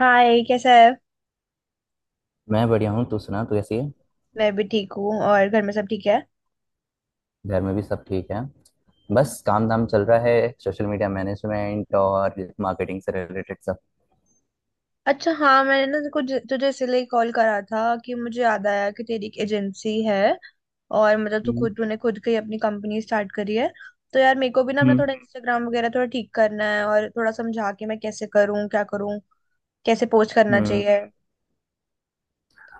हाय, कैसा है। मैं बढ़िया हूँ। तू सुना? तू कैसी है? मैं भी ठीक हूँ और घर में सब ठीक है। घर में भी सब ठीक है। बस काम धाम चल रहा है, सोशल मीडिया मैनेजमेंट और मार्केटिंग से रिलेटेड सब। अच्छा, हाँ, मैंने ना कुछ तुझे इसलिए कॉल करा था कि मुझे याद आया कि तेरी एक एजेंसी है। और मतलब तू हम्म। खुद तूने खुद की अपनी कंपनी स्टार्ट करी है। तो यार मेरे को भी ना अपना हम्म। थोड़ा इंस्टाग्राम वगैरह थोड़ा ठीक करना है, और थोड़ा समझा के मैं कैसे करूँ क्या करूँ, कैसे पोस्ट करना हम्म। चाहिए।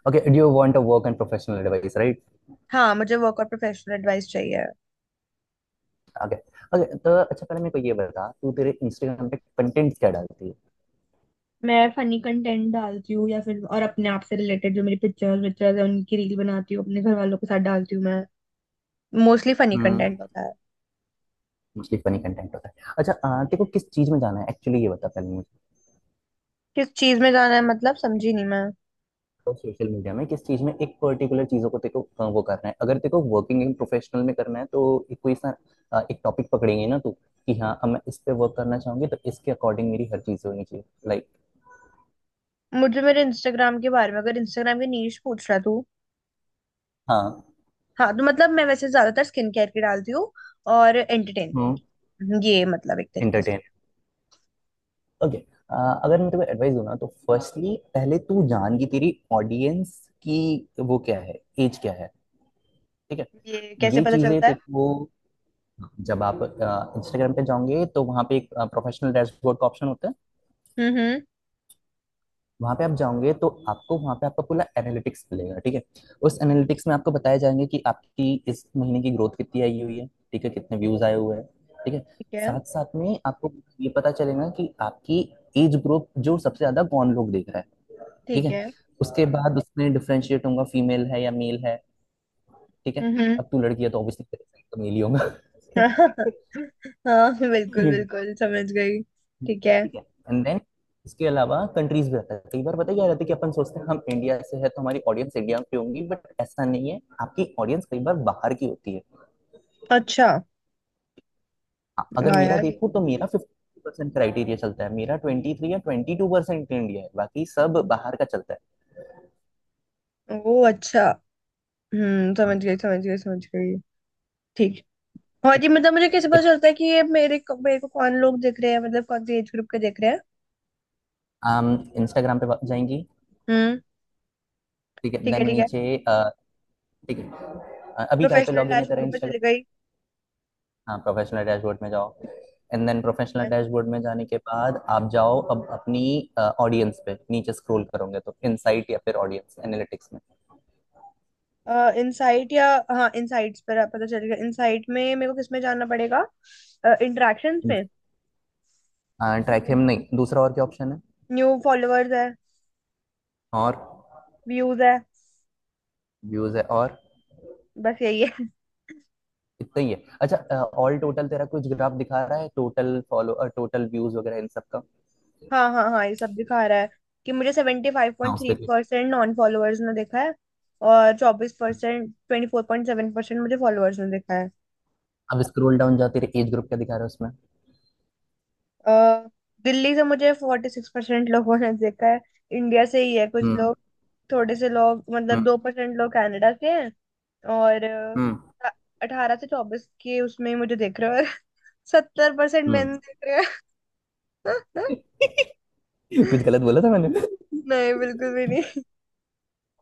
Okay, do you want a work and professional advice, right? हाँ, मुझे वर्क और प्रोफेशनल एडवाइस चाहिए। ओके। ओके तो अच्छा, पहले मेरे को ये बता, तू तेरे इंस्टाग्राम पे कंटेंट क्या डालती है? मैं फनी कंटेंट डालती हूँ, या फिर और अपने आप से रिलेटेड जो मेरी पिक्चर्स विक्चर्स है उनकी रील बनाती हूँ, अपने घर वालों के साथ डालती हूँ मैं। Mostly funny hmm. कंटेंट होता है। मोस्टली फनी कंटेंट होता है। अच्छा, तेरे को किस चीज में जाना है एक्चुअली, ये बता पहले। किस चीज में जाना है, मतलब समझी नहीं मैं। तो सोशल मीडिया में किस चीज में एक पर्टिकुलर चीजों को तेको वो करना है, अगर तेको वर्किंग इन प्रोफेशनल में करना है तो। एक कोई सा। एक टॉपिक पकड़ेंगे ना तू, कि हाँ अब मैं इस पे वर्क करना चाहूंगी, तो इसके अकॉर्डिंग मेरी हर चीज होनी चाहिए। लाइक। मुझे मेरे इंस्टाग्राम के बारे में, अगर इंस्टाग्राम की नीश पूछ रहा तू। हाँ। हाँ, तो मतलब मैं वैसे ज्यादातर स्किन केयर की डालती हूँ। और हम्म। एंटरटेनमेंट, ये मतलब एक तरीके से। एंटरटेन। ओके। अगर मैं तुम्हें एडवाइस दूँ ना, तो फर्स्टली पहले तू जान कि तेरी ऑडियंस की वो क्या है, एज क्या है। ठीक है। ये कैसे ये पता चीजें चलता है? देखो। जब आप इंस्टाग्राम पे जाओगे तो वहाँ पे एक प्रोफेशनल डैशबोर्ड का ऑप्शन होता है। हम्म, हम्म। वहां पे आप जाओगे तो आपको वहां पे आपका पूरा एनालिटिक्स मिलेगा, ठीक है। उस एनालिटिक्स में आपको बताया जाएंगे कि आपकी इस महीने की ग्रोथ कितनी आई हुई है, ठीक है, कितने व्यूज आए हुए हैं। ठीक है। ठीक है, साथ साथ में आपको ये पता चलेगा कि आपकी एज ग्रुप जो सबसे ज्यादा कौन लोग देख रहा है। ठीक ठीक है। है। उसके बाद उसमें डिफ्रेंशिएट होगा, फीमेल है या मेल है। ठीक है। हम्म, हम्म। अब तू लड़की है तो ऑब्वियसली, तो मेल ही होगा। हाँ, बिल्कुल बिल्कुल समझ गई। ठीक है। ठीक है, एंड देन इसके अलावा कंट्रीज भी रहता है। कई बार पता है क्या रहता है, कि अपन सोचते हैं हम इंडिया से है तो हमारी ऑडियंस इंडिया की होंगी, बट ऐसा नहीं है, आपकी ऑडियंस कई बार बाहर की होती है। अच्छा। अगर वाह मेरा यार। देखूं तो मेरा 50% क्राइटेरिया चलता है, मेरा 23 या 22% इंडिया है, बाकी सब बाहर का चलता है। ओ अच्छा। हाँ। समझ गई, समझ गई, समझ गई। ठीक। और ठीक ये मतलब मुझे कैसे पता है। चलता है कि ये मेरे को कौन लोग देख रहे हैं, मतलब कौन से एज ग्रुप के देख रहे हैं। हम इंस्टाग्राम पे जाएंगी। हम्म। ठीक है, ठीक देन है, ठीक है। नीचे। अ, ठीक है। अभी काय पे प्रोफेशनल लॉग इन है तेरा डैशबोर्ड पे चली इंस्टाग्राम? गई। हाँ, प्रोफेशनल डैशबोर्ड में जाओ। एंड देन प्रोफेशनल डैशबोर्ड में जाने के बाद आप जाओ अब अपनी ऑडियंस पे नीचे स्क्रॉल करोगे तो इनसाइट या फिर ऑडियंस एनालिटिक्स में। इनसाइट या हाँ, इनसाइट्स पर पता चल गया। इनसाइट में मेरे को किस में जाना पड़ेगा, इंटरेक्शंस में? ट्रैकिंग नहीं? दूसरा और क्या ऑप्शन है? न्यू फॉलोअर्स है। और व्यूज है। व्यूज है। और? बस यही है। इतना ही है? अच्छा। ऑल टोटल तेरा कुछ ग्राफ दिखा रहा है, टोटल फॉलो टोटल व्यूज वगैरह इन सब का। हाँ, हाँ, हाँ, ये सब दिखा रहा है। कि मुझे सेवेंटी फाइव हाँ, पॉइंट उस थ्री पे क्लिक। परसेंट नॉन फॉलोअर्स ने देखा है। और 24%, 24.7% मुझे फॉलोअर्स ने देखा है। अब स्क्रॉल डाउन जाओ, तेरे एज ग्रुप क्या दिखा रहा है उसमें? अ, दिल्ली से मुझे 46% लोगों ने देखा है। इंडिया से ही है कुछ हम्म, लोग। थोड़े से लोग, मतलब हम्म, 2% लोग कनाडा से हैं। और हम्म, 18 से 24 के, उसमें ही मुझे देख रहे हो। 70% हम्म। मैंने देख रहे हो। कुछ गलत बोला था मैंने? नहीं, बिल्कुल भी नहीं।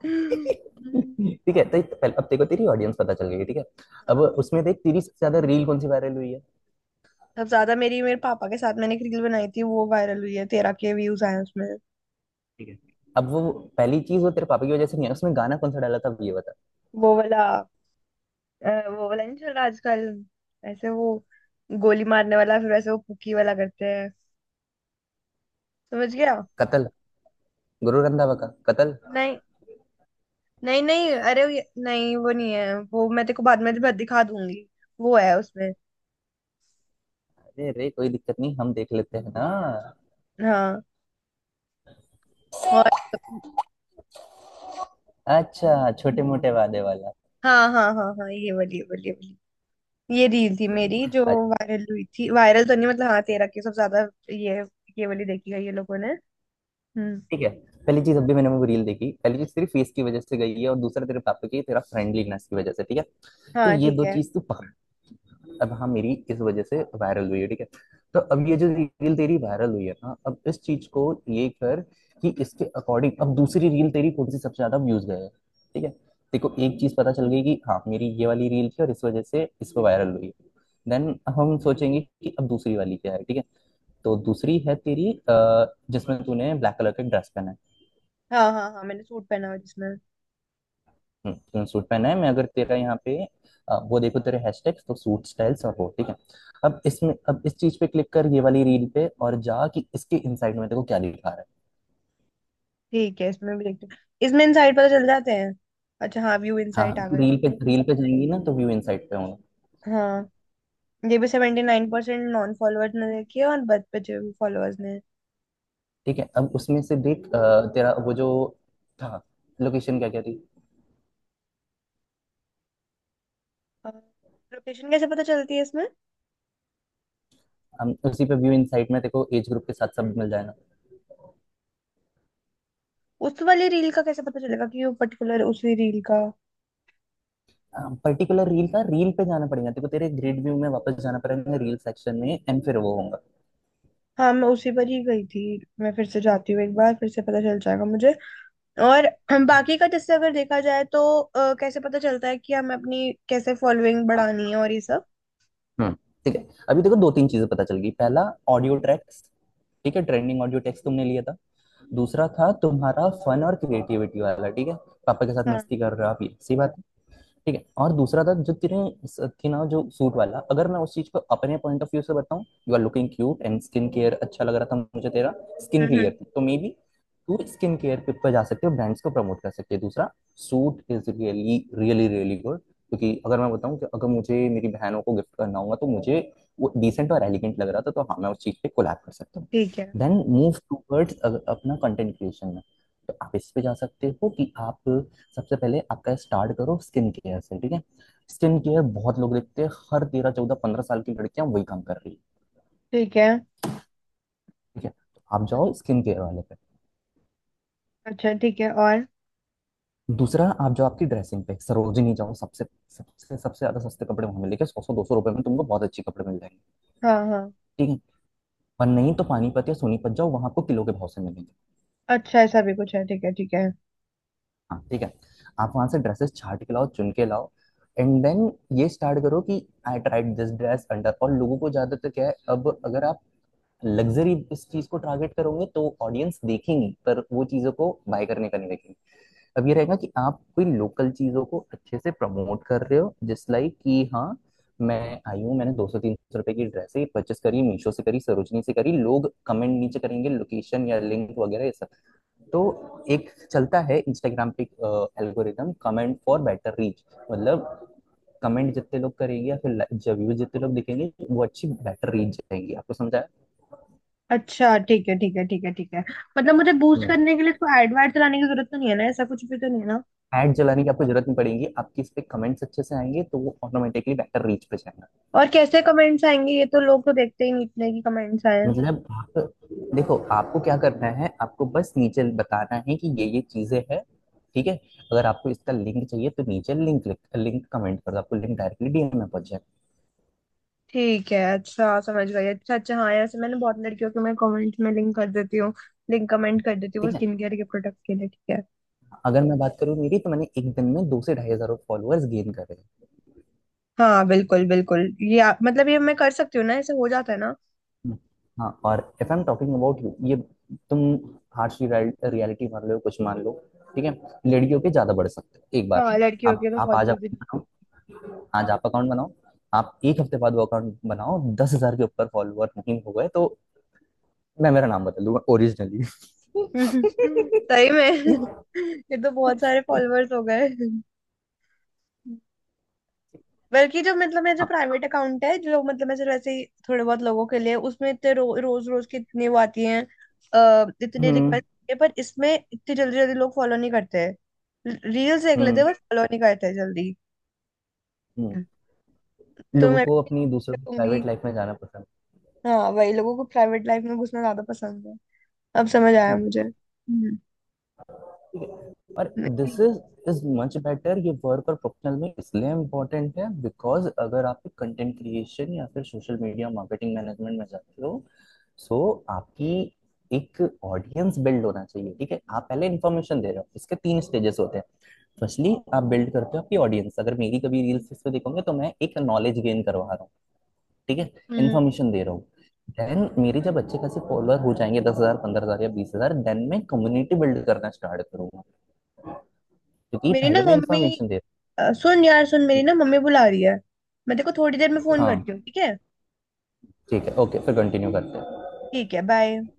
हम्म। ठीक है तो पहले अब तेरे को तेरी ऑडियंस पता चल गई है, ठीक है। अब हाँ। उसमें देख, तेरी सबसे ज्यादा रील कौन सी वायरल हुई है? सबसे ज्यादा मेरी, मेरे पापा के साथ मैंने एक रील बनाई थी, वो वायरल हुई है, 13 के व्यूज आए हैं उसमें। ठीक है। अब वो पहली चीज, वो तेरे पापा की वजह से नहीं है, उसमें गाना कौन सा डाला था, अब ये बता। वो वाला। वो वाला नहीं चल रहा आजकल। ऐसे वो गोली मारने वाला, फिर वैसे वो पुकी वाला करते हैं। समझ गया। कतल? गुरु रंधावा का कतल। नहीं, नहीं, नहीं, अरे वो नहीं, वो नहीं है। वो मैं तेरे को बाद में भी दिखा दूंगी। वो है उसमें। अरे रे, कोई दिक्कत नहीं, हम देख लेते हैं ना। हाँ। और अच्छा, छोटे मोटे वादे वाला। हाँ, हाँ, हाँ, हाँ, ये वाली, ये वाली, ये वाली। ये रील थी मेरी, जो अच्छा, वायरल हुई थी। वायरल तो नहीं, मतलब हाँ, तेरा की सब ज्यादा ये ये वाली देखी है ये लोगों ने। हम्म। ठीक है। पहली चीज, अभी मैंने वो रील देखी, पहली चीज तेरी फेस की वजह से गई है और दूसरा तेरे पापा की, तेरा फ्रेंडलीनेस की वजह से, ठीक है। तो हाँ। ये ठीक दो है। चीज तू पकड़। अब हाँ, मेरी इस वजह से वायरल हुई है, ठीक है। तो अब ये जो रील तेरी वायरल हुई है ना, अब इस चीज को ये कर कि इसके अकॉर्डिंग अब दूसरी रील तेरी कौन सी सबसे ज्यादा व्यूज गए हैं, ठीक है। देखो, एक चीज पता चल गई कि हाँ मेरी ये वाली रील थी और इस वजह से इस पर वायरल हुई। देन अब हम सोचेंगे कि अब दूसरी वाली क्या है, ठीक है। तो दूसरी है तेरी, जिसमें तूने ब्लैक कलर का ड्रेस पहना है। हाँ, हाँ, हाँ, मैंने सूट पहना हुआ जिसमें। सूट पहना है। मैं अगर तेरा यहाँ पे वो देखो तेरे हैशटैग्स तो सूट स्टाइल्स और वो, ठीक है। अब इसमें, अब इस चीज पे क्लिक कर ये वाली रील पे और जा कि इसके इनसाइड में देखो क्या लिखा रहा है। ठीक है, इसमें भी देखते हैं। इसमें इनसाइड पता चल जाते हैं। अच्छा, हाँ, व्यू हाँ, इनसाइट आ तू गए। रील पे जाएंगी ना तो व्यू इनसाइड पे होगा। हाँ। ये भी 79% नॉन फॉलोअर्स ने देखी है और बच बचे हुए फॉलोअर्स ने। ठीक है। अब उसमें से देख, तेरा वो जो था, लोकेशन क्या क्या थी? लोकेशन कैसे पता चलती है इसमें? हम उसी पे व्यू इनसाइड में देखो, एज ग्रुप के साथ सब मिल जाएगा। उस वाली रील का कैसे पता चलेगा कि वो पर्टिकुलर उसी रील का? पर्टिकुलर रील का, रील पे जाना पड़ेगा, देखो तेरे ग्रिड व्यू में वापस जाना पड़ेगा रील सेक्शन में, एंड फिर वो होगा। हाँ, मैं उसी पर ही गई थी। मैं फिर से जाती हूँ, एक बार फिर से पता चल जाएगा मुझे। और हम बाकी का जैसे अगर देखा जाए, तो कैसे पता चलता है कि हमें अपनी कैसे फॉलोइंग बढ़ानी है और ये सब? हम्म। ठीक है। अभी देखो दो तीन चीजें पता चल गई। पहला, ऑडियो ट्रैक्स, ठीक है। ट्रेंडिंग ऑडियो ट्रैक्स तुमने लिया था। दूसरा था तुम्हारा फन और क्रिएटिविटी वाला, ठीक है। पापा के साथ हाँ। मस्ती कर रहे हो आप, ये सही बात है। ठीक है, और दूसरा था जो तेरे थी ना, जो सूट वाला, अगर मैं उस चीज को अपने पॉइंट ऑफ व्यू से बताऊं, you are looking cute and skin care अच्छा लग रहा था मुझे तेरा। स्किन हम्म, क्लियर हम्म। थी तो मे बी तू स्किन केयर पे पे जा सकते हो, ब्रांड्स को प्रमोट कर सकते हो। दूसरा, suit is really really really good, क्योंकि अगर मैं बताऊं कि अगर मुझे मेरी बहनों को गिफ्ट करना होगा तो मुझे वो डिसेंट और एलिगेंट लग रहा था, तो हाँ मैं उस चीज पे कोलैब कर सकता हूँ। ठीक है, देन मूव टूवर्ड्स अपना कंटेंट क्रिएशन में। तो आप इस पे जा सकते हो कि आप सबसे पहले आपका स्टार्ट करो स्किन केयर से, ठीक है। स्किन केयर बहुत लोग देखते हैं, हर 13 14 15 साल की लड़कियां वही काम कर रही है। ठीक है। ठीक है। तो आप जाओ स्किन केयर वाले पे। अच्छा, ठीक है। और दूसरा, आप जाओ आपकी ड्रेसिंग पे, सरोजिनी जाओ, सबसे सबसे सबसे ज्यादा सस्ते कपड़े वहां मिलेंगे, 100 100 200 रुपए में तुमको बहुत अच्छे कपड़े मिल जाएंगे। हाँ, हाँ। ठीक है। पर नहीं तो पानीपत या सोनीपत जाओ, वहां आपको किलो के भाव से मिलेंगे। अच्छा, ऐसा भी कुछ है? ठीक है, ठीक है। हाँ, ठीक है। आप वहां से ड्रेसेस छाट के लाओ, चुन के लाओ। एंड देन ये स्टार्ट करो कि I tried this dress under, और लोगों को ज्यादातर क्या है, अब अगर आप लग्जरी इस चीज को टारगेट करोगे तो ऑडियंस देखेंगी पर वो चीजों को बाय करने का नहीं देखेंगे। अब ये रहेगा कि आप कोई लोकल चीजों को अच्छे से प्रमोट कर रहे हो, जिस लाइक कि हाँ मैं आई हूँ, मैंने 200 300 रुपए की ड्रेस ही परचेस करी, मीशो से करी, सरोजनी से करी, लोग कमेंट नीचे करेंगे लोकेशन या लिंक वगैरह ये सब। तो एक चलता है इंस्टाग्राम पे, algorithm, comment for better reach, मतलब कमेंट जितने लोग करेंगे या फिर व्यूज जितने लोग दिखेंगे, वो अच्छी बेटर रीच जाएंगी, आपको समझाया? अच्छा, ठीक है, ठीक है, ठीक है, ठीक है। मतलब मुझे बूस्ट करने के लिए तो एड वाड चलाने की जरूरत तो नहीं है ना, ऐसा कुछ भी तो नहीं है ना? ऐड जलाने की आपको जरूरत नहीं पड़ेगी, आपकी इस पे कमेंट्स अच्छे से आएंगे तो वो ऑटोमेटिकली बेटर रीच पे जाएगा। और कैसे कमेंट्स आएंगे, ये तो लोग तो देखते ही नहीं इतने की कमेंट्स आए हैं। मतलब आप देखो, आपको क्या करना है, आपको बस नीचे बताना है कि ये चीजें हैं, ठीक है। अगर आपको इसका लिंक चाहिए तो नीचे लिंक, लिंक कमेंट कर दो, आपको लिंक डायरेक्टली डीएम में पहुंच जाएगा। ठीक है, अच्छा समझ गई। अच्छा, अच्छा, हाँ, ऐसे मैंने बहुत लड़कियों के मैं कमेंट्स में लिंक कर देती हूँ। लिंक कमेंट कर देती हूँ वो ठीक है। स्किन केयर के प्रोडक्ट के लिए। ठीक है। अगर मैं बात करूँ मेरी, तो मैंने एक दिन में 2 से 2,500 फॉलोअर्स गेन करे। हाँ, बिल्कुल बिल्कुल, ये आप मतलब ये मैं कर सकती हूँ ना, ऐसे हो जाता है ना? हाँ, और if I am talking about you, ये तुम, हार्श रियलिटी मान लो, कुछ मान लो, ठीक है। लड़कियों के ज्यादा बढ़ सकते हैं एक बार हाँ, में। लड़कियों आप के तो आप बहुत आज जल्दी। अकाउंट बनाओ। आज आप अकाउंट बनाओ। आप एक हफ्ते बाद वो अकाउंट बनाओ, 10,000 के ऊपर फॉलोअर नहीं हो गए तो मैं मेरा नाम बदल दूंगा ओरिजिनली। सही में। ये तो बहुत सारे फॉलोअर्स हो गए। बल्कि जो मतलब मेरा जो हाँ। प्राइवेट अकाउंट है, जो मतलब मैं सिर्फ ऐसे ही थोड़े बहुत लोगों के लिए, उसमें इतने रोज रोज की इतनी वो आती हैं। इतनी हम्म, रिक्वेस्ट है, पर इसमें इतनी जल्दी जल्दी लोग फॉलो नहीं करते हैं, रील्स देख लेते हैं हम्म, बस, फॉलो नहीं करते हैं जल्दी। हम्म। तो लोगों मैं को भी अपनी दूसरों की कहूंगी, प्राइवेट लाइफ में जाना पसंद है। हाँ वही, लोगों को प्राइवेट लाइफ में घुसना ज्यादा पसंद है। अब समझ आया हम्म। मुझे। हम्म। और दिस मेरी इज इज मच बेटर, ये वर्क और प्रोफेशनल में इसलिए इम्पोर्टेंट है बिकॉज अगर आप कंटेंट क्रिएशन या फिर सोशल मीडिया मार्केटिंग मैनेजमेंट में जाते हो। सो आपकी एक ऑडियंस बिल्ड होना चाहिए, ठीक है। आप पहले इन्फॉर्मेशन दे रहे हो, इसके तीन स्टेजेस होते हैं। फर्स्टली आप बिल्ड करते हो आपकी ऑडियंस, अगर मेरी कभी रील्स पे देखोगे तो मैं एक नॉलेज गेन करवा रहा हूँ, ठीक है। हम्म इन्फॉर्मेशन दे रहा हूँ। देन मेरे जब अच्छे खासे फॉलोअर हो जाएंगे, 10,000 15,000 या 20,000, देन मैं कम्युनिटी बिल्ड करना स्टार्ट करूंगा, क्योंकि मेरी ना पहले मैं मम्मी, इन्फॉर्मेशन दे। सुन यार सुन, मेरी ना मम्मी बुला रही है। मैं तेरे को थोड़ी देर में फोन हाँ, करती हूँ, ठीक है? ठीक है, ओके फिर कंटिन्यू करते हैं। ठीक है, बाय।